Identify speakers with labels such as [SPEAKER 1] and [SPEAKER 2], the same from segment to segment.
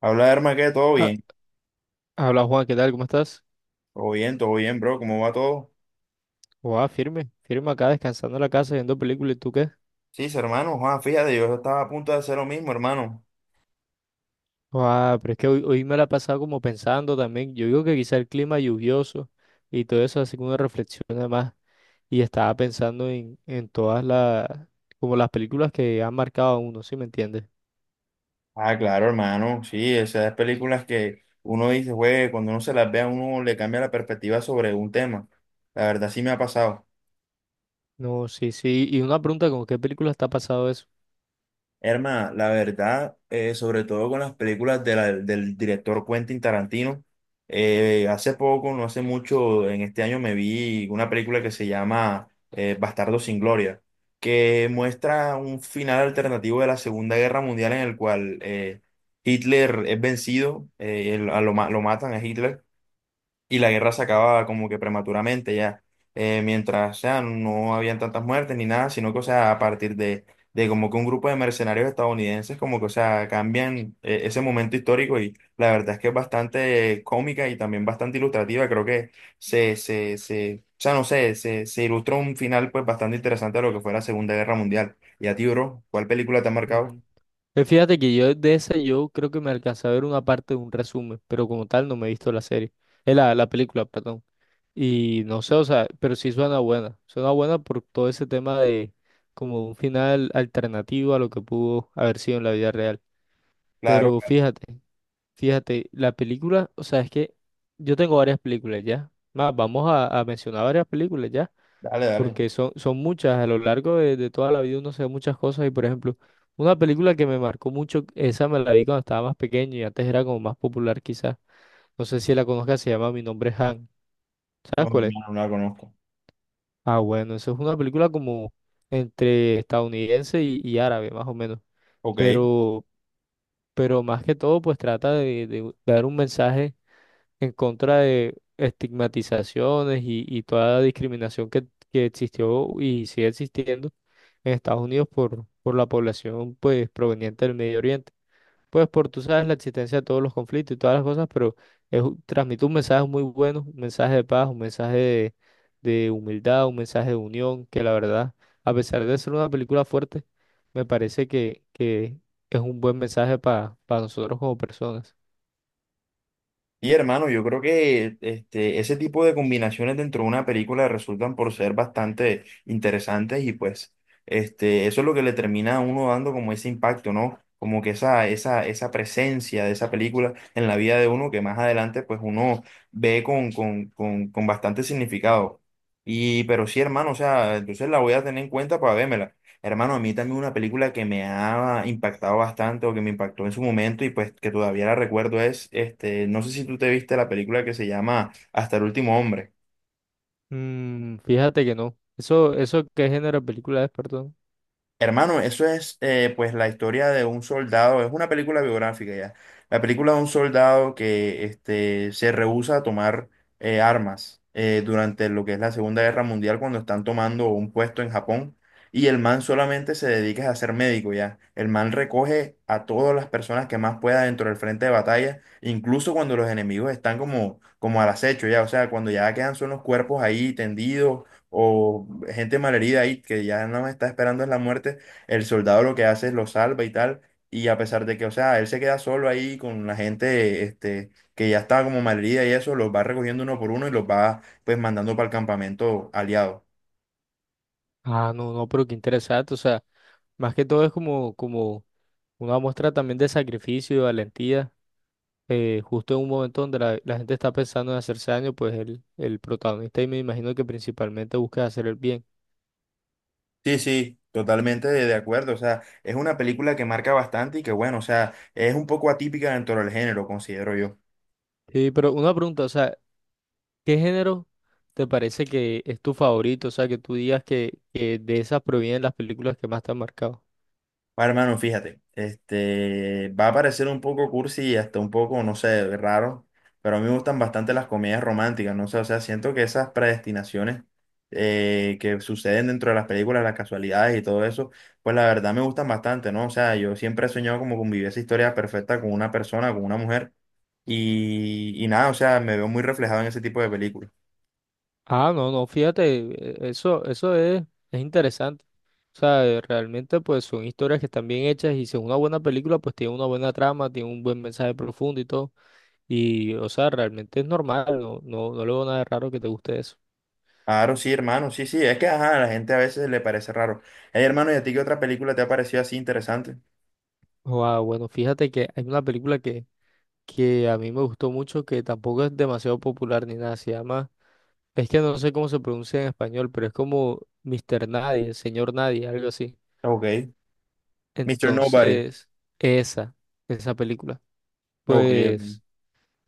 [SPEAKER 1] Habla, hermano, que todo
[SPEAKER 2] Ah,
[SPEAKER 1] bien.
[SPEAKER 2] habla Juan, ¿qué tal? ¿Cómo estás?
[SPEAKER 1] Todo bien, todo bien, bro. ¿Cómo va todo?
[SPEAKER 2] Guau, firme acá, descansando en la casa, viendo películas. ¿Y tú qué?
[SPEAKER 1] Sí, sí, hermano. Juan, fíjate, yo estaba a punto de hacer lo mismo, hermano.
[SPEAKER 2] Guau, pero es que hoy me la he pasado como pensando también. Yo digo que quizá el clima lluvioso y todo eso, así como una reflexión además. Y estaba pensando en todas las, como las películas que han marcado a uno, ¿sí me entiendes?
[SPEAKER 1] Ah, claro, hermano. Sí, esas películas que uno dice, güey, cuando uno se las ve a uno le cambia la perspectiva sobre un tema. La verdad, sí me ha pasado.
[SPEAKER 2] No, sí, sí. Y una pregunta, ¿con qué película está pasado eso?
[SPEAKER 1] Herma, la verdad, sobre todo con las películas de del director Quentin Tarantino. Eh, hace poco, no hace mucho, en este año me vi una película que se llama Bastardo sin Gloria, que muestra un final alternativo de la Segunda Guerra Mundial, en el cual Hitler es vencido. Lo matan a Hitler y la guerra se acababa como que prematuramente ya. Mientras, o sea, no habían tantas muertes ni nada, sino que, o sea, a partir de como que un grupo de mercenarios estadounidenses, como que, o sea, cambian ese momento histórico, y la verdad es que es bastante cómica y también bastante ilustrativa. Creo que o sea, no sé, se ilustró un final pues bastante interesante a lo que fue la Segunda Guerra Mundial. Y a ti, bro, ¿cuál película te ha marcado?
[SPEAKER 2] Mm. Fíjate que yo de esa yo creo que me alcancé a ver una parte de un resumen, pero como tal no me he visto la serie. La película, perdón. Y no sé, o sea, pero sí suena buena. Suena buena por todo ese tema de como un final alternativo a lo que pudo haber sido en la vida real.
[SPEAKER 1] Claro,
[SPEAKER 2] Pero fíjate, fíjate, la película, o sea, es que yo tengo varias películas ya. Más, vamos a mencionar varias películas ya,
[SPEAKER 1] dale, dale.
[SPEAKER 2] porque son, son muchas. A lo largo de toda la vida uno se ve muchas cosas. Y por ejemplo, una película que me marcó mucho, esa me la vi cuando estaba más pequeño y antes era como más popular quizás. No sé si la conozcas, se llama Mi nombre es Han.
[SPEAKER 1] No,
[SPEAKER 2] ¿Sabes cuál es?
[SPEAKER 1] hermano, no la conozco.
[SPEAKER 2] Ah, bueno, eso es una película como entre estadounidense y árabe, más o menos.
[SPEAKER 1] Ok.
[SPEAKER 2] Pero, pero más que todo, pues trata de dar un mensaje en contra de estigmatizaciones y toda la discriminación que existió y sigue existiendo en Estados Unidos por la población pues proveniente del Medio Oriente pues por, tú sabes, la existencia de todos los conflictos y todas las cosas, pero es, transmite un mensaje muy bueno, un mensaje de paz, un mensaje de humildad, un mensaje de unión, que la verdad, a pesar de ser una película fuerte, me parece que es un buen mensaje para nosotros como personas.
[SPEAKER 1] Y hermano, yo creo que este, ese tipo de combinaciones dentro de una película resultan por ser bastante interesantes, y pues este, eso es lo que le termina a uno dando como ese impacto, ¿no? Como que esa presencia de esa película en la vida de uno que más adelante pues uno ve con bastante significado. Y pero sí, hermano, o sea, entonces la voy a tener en cuenta para vérmela. Hermano, a mí también una película que me ha impactado bastante, o que me impactó en su momento y pues que todavía la recuerdo es, este, no sé si tú te viste la película que se llama Hasta el último hombre.
[SPEAKER 2] Mm, fíjate que no. Eso qué género de película es, perdón.
[SPEAKER 1] Hermano, eso es pues la historia de un soldado, es una película biográfica ya, la película de un soldado que este, se rehúsa a tomar armas durante lo que es la Segunda Guerra Mundial, cuando están tomando un puesto en Japón, y el man solamente se dedica a ser médico ya. El man recoge a todas las personas que más pueda dentro del frente de batalla, incluso cuando los enemigos están como al acecho ya, o sea, cuando ya quedan son los cuerpos ahí tendidos o gente malherida ahí que ya no está esperando es la muerte. El soldado lo que hace es lo salva y tal, y a pesar de que, o sea, él se queda solo ahí con la gente este, que ya estaba como malherida y eso, los va recogiendo uno por uno y los va pues mandando para el campamento aliado.
[SPEAKER 2] Ah, no, no, pero qué interesante. O sea, más que todo es como, como una muestra también de sacrificio y valentía justo en un momento donde la gente está pensando en hacerse daño, pues el protagonista y me imagino que principalmente busca hacer el bien.
[SPEAKER 1] Sí, sí. Totalmente de acuerdo, o sea, es una película que marca bastante y que bueno, o sea, es un poco atípica dentro del género, considero yo.
[SPEAKER 2] Sí, pero una pregunta, o sea, ¿qué género te parece que es tu favorito? O sea, que tú digas que de esas provienen las películas que más te han marcado.
[SPEAKER 1] Bueno, hermano, fíjate, este, va a parecer un poco cursi y hasta un poco, no sé, raro, pero a mí me gustan bastante las comedias románticas, no sé, o sea, siento que esas predestinaciones que suceden dentro de las películas, las casualidades y todo eso, pues la verdad me gustan bastante, ¿no? O sea, yo siempre he soñado como con vivir esa historia perfecta con una persona, con una mujer, y nada, o sea, me veo muy reflejado en ese tipo de películas.
[SPEAKER 2] Ah, no, no, fíjate, eso, eso es interesante. O sea, realmente pues son historias que están bien hechas y si es una buena película, pues tiene una buena trama, tiene un buen mensaje profundo y todo. Y, o sea, realmente es normal, no, no, no le veo nada de raro que te guste eso.
[SPEAKER 1] Claro, sí, hermano, sí, sí, es que, ajá, a la gente a veces le parece raro. Hey, hermano, ¿y a ti qué otra película te ha parecido así interesante?
[SPEAKER 2] Wow, bueno, fíjate que hay una película que a mí me gustó mucho, que tampoco es demasiado popular ni nada, se llama, es que no sé cómo se pronuncia en español, pero es como Mister Nadie, Señor Nadie, algo así.
[SPEAKER 1] Ok. Mr. Nobody.
[SPEAKER 2] Entonces, esa, esa película.
[SPEAKER 1] Ok, ok.
[SPEAKER 2] Pues,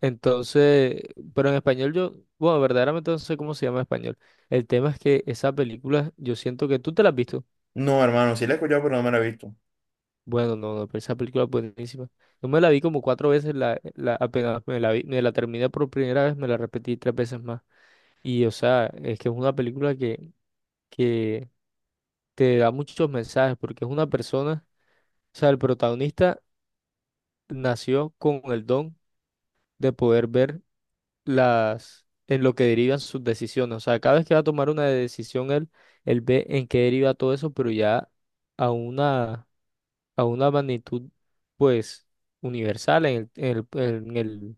[SPEAKER 2] entonces, pero en español yo, bueno, verdaderamente no sé cómo se llama en español. El tema es que esa película, yo siento que tú te la has visto.
[SPEAKER 1] No, hermano, sí la he escuchado, pero no me la he visto.
[SPEAKER 2] Bueno, no, no, pero esa película es buenísima. Yo me la vi como cuatro veces, la, apenas me la vi, me la terminé por primera vez, me la repetí tres veces más. Y o sea, es que es una película que te da muchos mensajes, porque es una persona, o sea, el protagonista nació con el don de poder ver las, en lo que derivan sus decisiones. O sea, cada vez que va a tomar una decisión, él ve en qué deriva todo eso, pero ya a una a una magnitud pues universal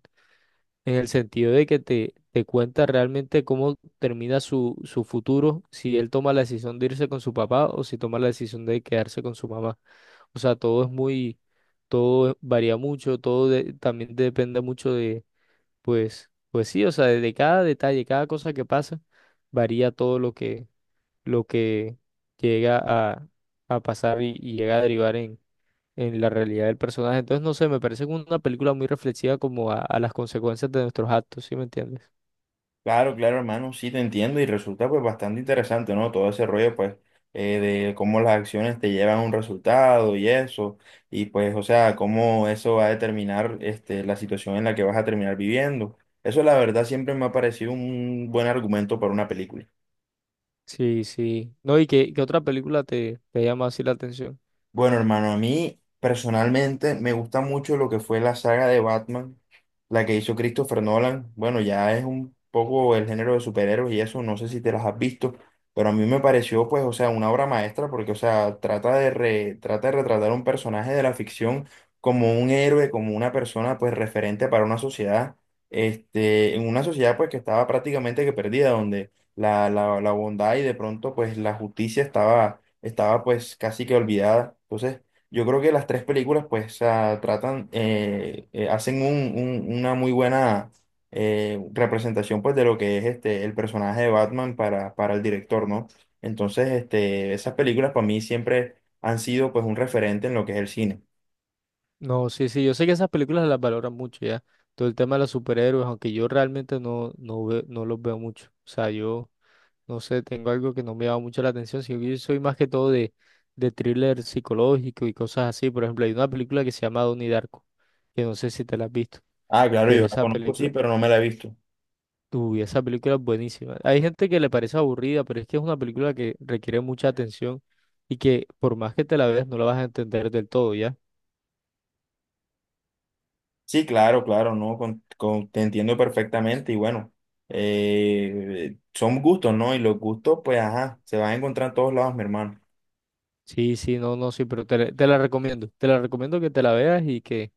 [SPEAKER 2] en el sentido de que te cuenta realmente cómo termina su, su futuro, si él toma la decisión de irse con su papá o si toma la decisión de quedarse con su mamá. O sea, todo es muy, todo varía mucho, también depende mucho de, pues, pues sí, o sea, de cada detalle, cada cosa que pasa, varía todo lo que llega a pasar y llega a derivar en la realidad del personaje. Entonces, no sé, me parece como una película muy reflexiva como a las consecuencias de nuestros actos, ¿sí me entiendes?
[SPEAKER 1] Claro, claro, hermano, sí te entiendo, y resulta pues bastante interesante, ¿no? Todo ese rollo pues eh, de cómo las acciones te llevan a un resultado y eso, y pues, o sea, cómo eso va a determinar este, la situación en la que vas a terminar viviendo. Eso la verdad siempre me ha parecido un buen argumento para una película.
[SPEAKER 2] Sí, sí. No, ¿y qué, qué otra película te, te llama así la atención?
[SPEAKER 1] Bueno, hermano, a mí personalmente me gusta mucho lo que fue la saga de Batman, la que hizo Christopher Nolan. Bueno, ya es un poco el género de superhéroes y eso, no sé si te las has visto, pero a mí me pareció, pues, o sea, una obra maestra porque, o sea, trata de retratar un personaje de la ficción como un héroe, como una persona, pues, referente para una sociedad, este, en una sociedad, pues, que estaba prácticamente que perdida, donde la bondad y de pronto, pues, la justicia estaba pues casi que olvidada. Entonces, yo creo que las tres películas pues ah, tratan, hacen una muy buena representación pues de lo que es este, el personaje de Batman para el director, ¿no? Entonces, este, esas películas para mí siempre han sido pues un referente en lo que es el cine.
[SPEAKER 2] No, sí, sí, yo sé que esas películas las valoran mucho ya. Todo el tema de los superhéroes, aunque yo realmente no, no, no los veo mucho. O sea, yo no sé, tengo algo que no me llama mucho la atención, sino que yo soy más que todo de thriller psicológico y cosas así. Por ejemplo, hay una película que se llama Donnie Darko, que no sé si te la has visto,
[SPEAKER 1] Ah, claro, yo
[SPEAKER 2] pero
[SPEAKER 1] la
[SPEAKER 2] esa
[SPEAKER 1] conozco, sí,
[SPEAKER 2] película.
[SPEAKER 1] pero no me la he visto.
[SPEAKER 2] Uy, esa película es buenísima. Hay gente que le parece aburrida, pero es que es una película que requiere mucha atención y que por más que te la veas no la vas a entender del todo, ¿ya?
[SPEAKER 1] Sí, claro, claro, no, te entiendo perfectamente y bueno, son gustos, ¿no? Y los gustos, pues, ajá, se van a encontrar en todos lados, mi hermano.
[SPEAKER 2] Sí, sí, no, no, sí, pero te la recomiendo. Te la recomiendo que te la veas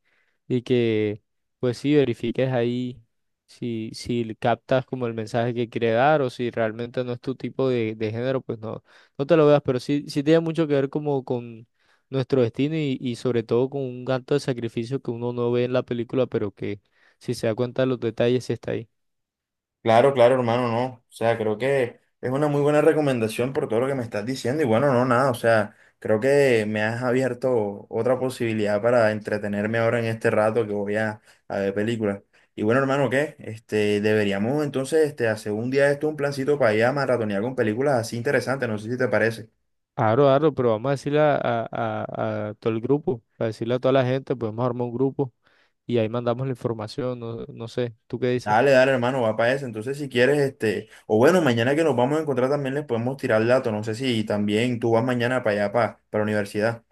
[SPEAKER 2] y que pues sí verifiques ahí si, si captas como el mensaje que quiere dar o si realmente no es tu tipo de género, pues no, no te lo veas, pero sí, sí tiene mucho que ver como con nuestro destino y sobre todo con un acto de sacrificio que uno no ve en la película, pero que si se da cuenta de los detalles sí está ahí.
[SPEAKER 1] Claro, claro, hermano, no. O sea, creo que es una muy buena recomendación por todo lo que me estás diciendo. Y bueno, no, nada. O sea, creo que me has abierto otra posibilidad para entretenerme ahora en este rato que voy a ver películas. Y bueno, hermano, ¿qué? Este, deberíamos entonces este, hacer un día de esto, un plancito para ir a maratonear con películas así interesantes. No sé si te parece.
[SPEAKER 2] Aro, aro, pero vamos a decirle a todo el grupo, a decirle a toda la gente, podemos armar un grupo y ahí mandamos la información, no, no sé, ¿tú qué dices?
[SPEAKER 1] Dale, dale, hermano, va para eso. Entonces, si quieres, este, o bueno, mañana que nos vamos a encontrar también les podemos tirar el dato. No sé si también tú vas mañana para allá, para la universidad.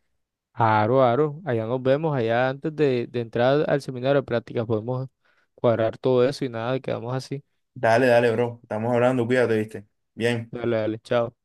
[SPEAKER 2] Aro, aro, allá nos vemos, allá antes de entrar al seminario de prácticas podemos cuadrar todo eso y nada, quedamos así.
[SPEAKER 1] Dale, dale, bro. Estamos hablando, cuídate, viste. Bien.
[SPEAKER 2] Dale, dale, chao.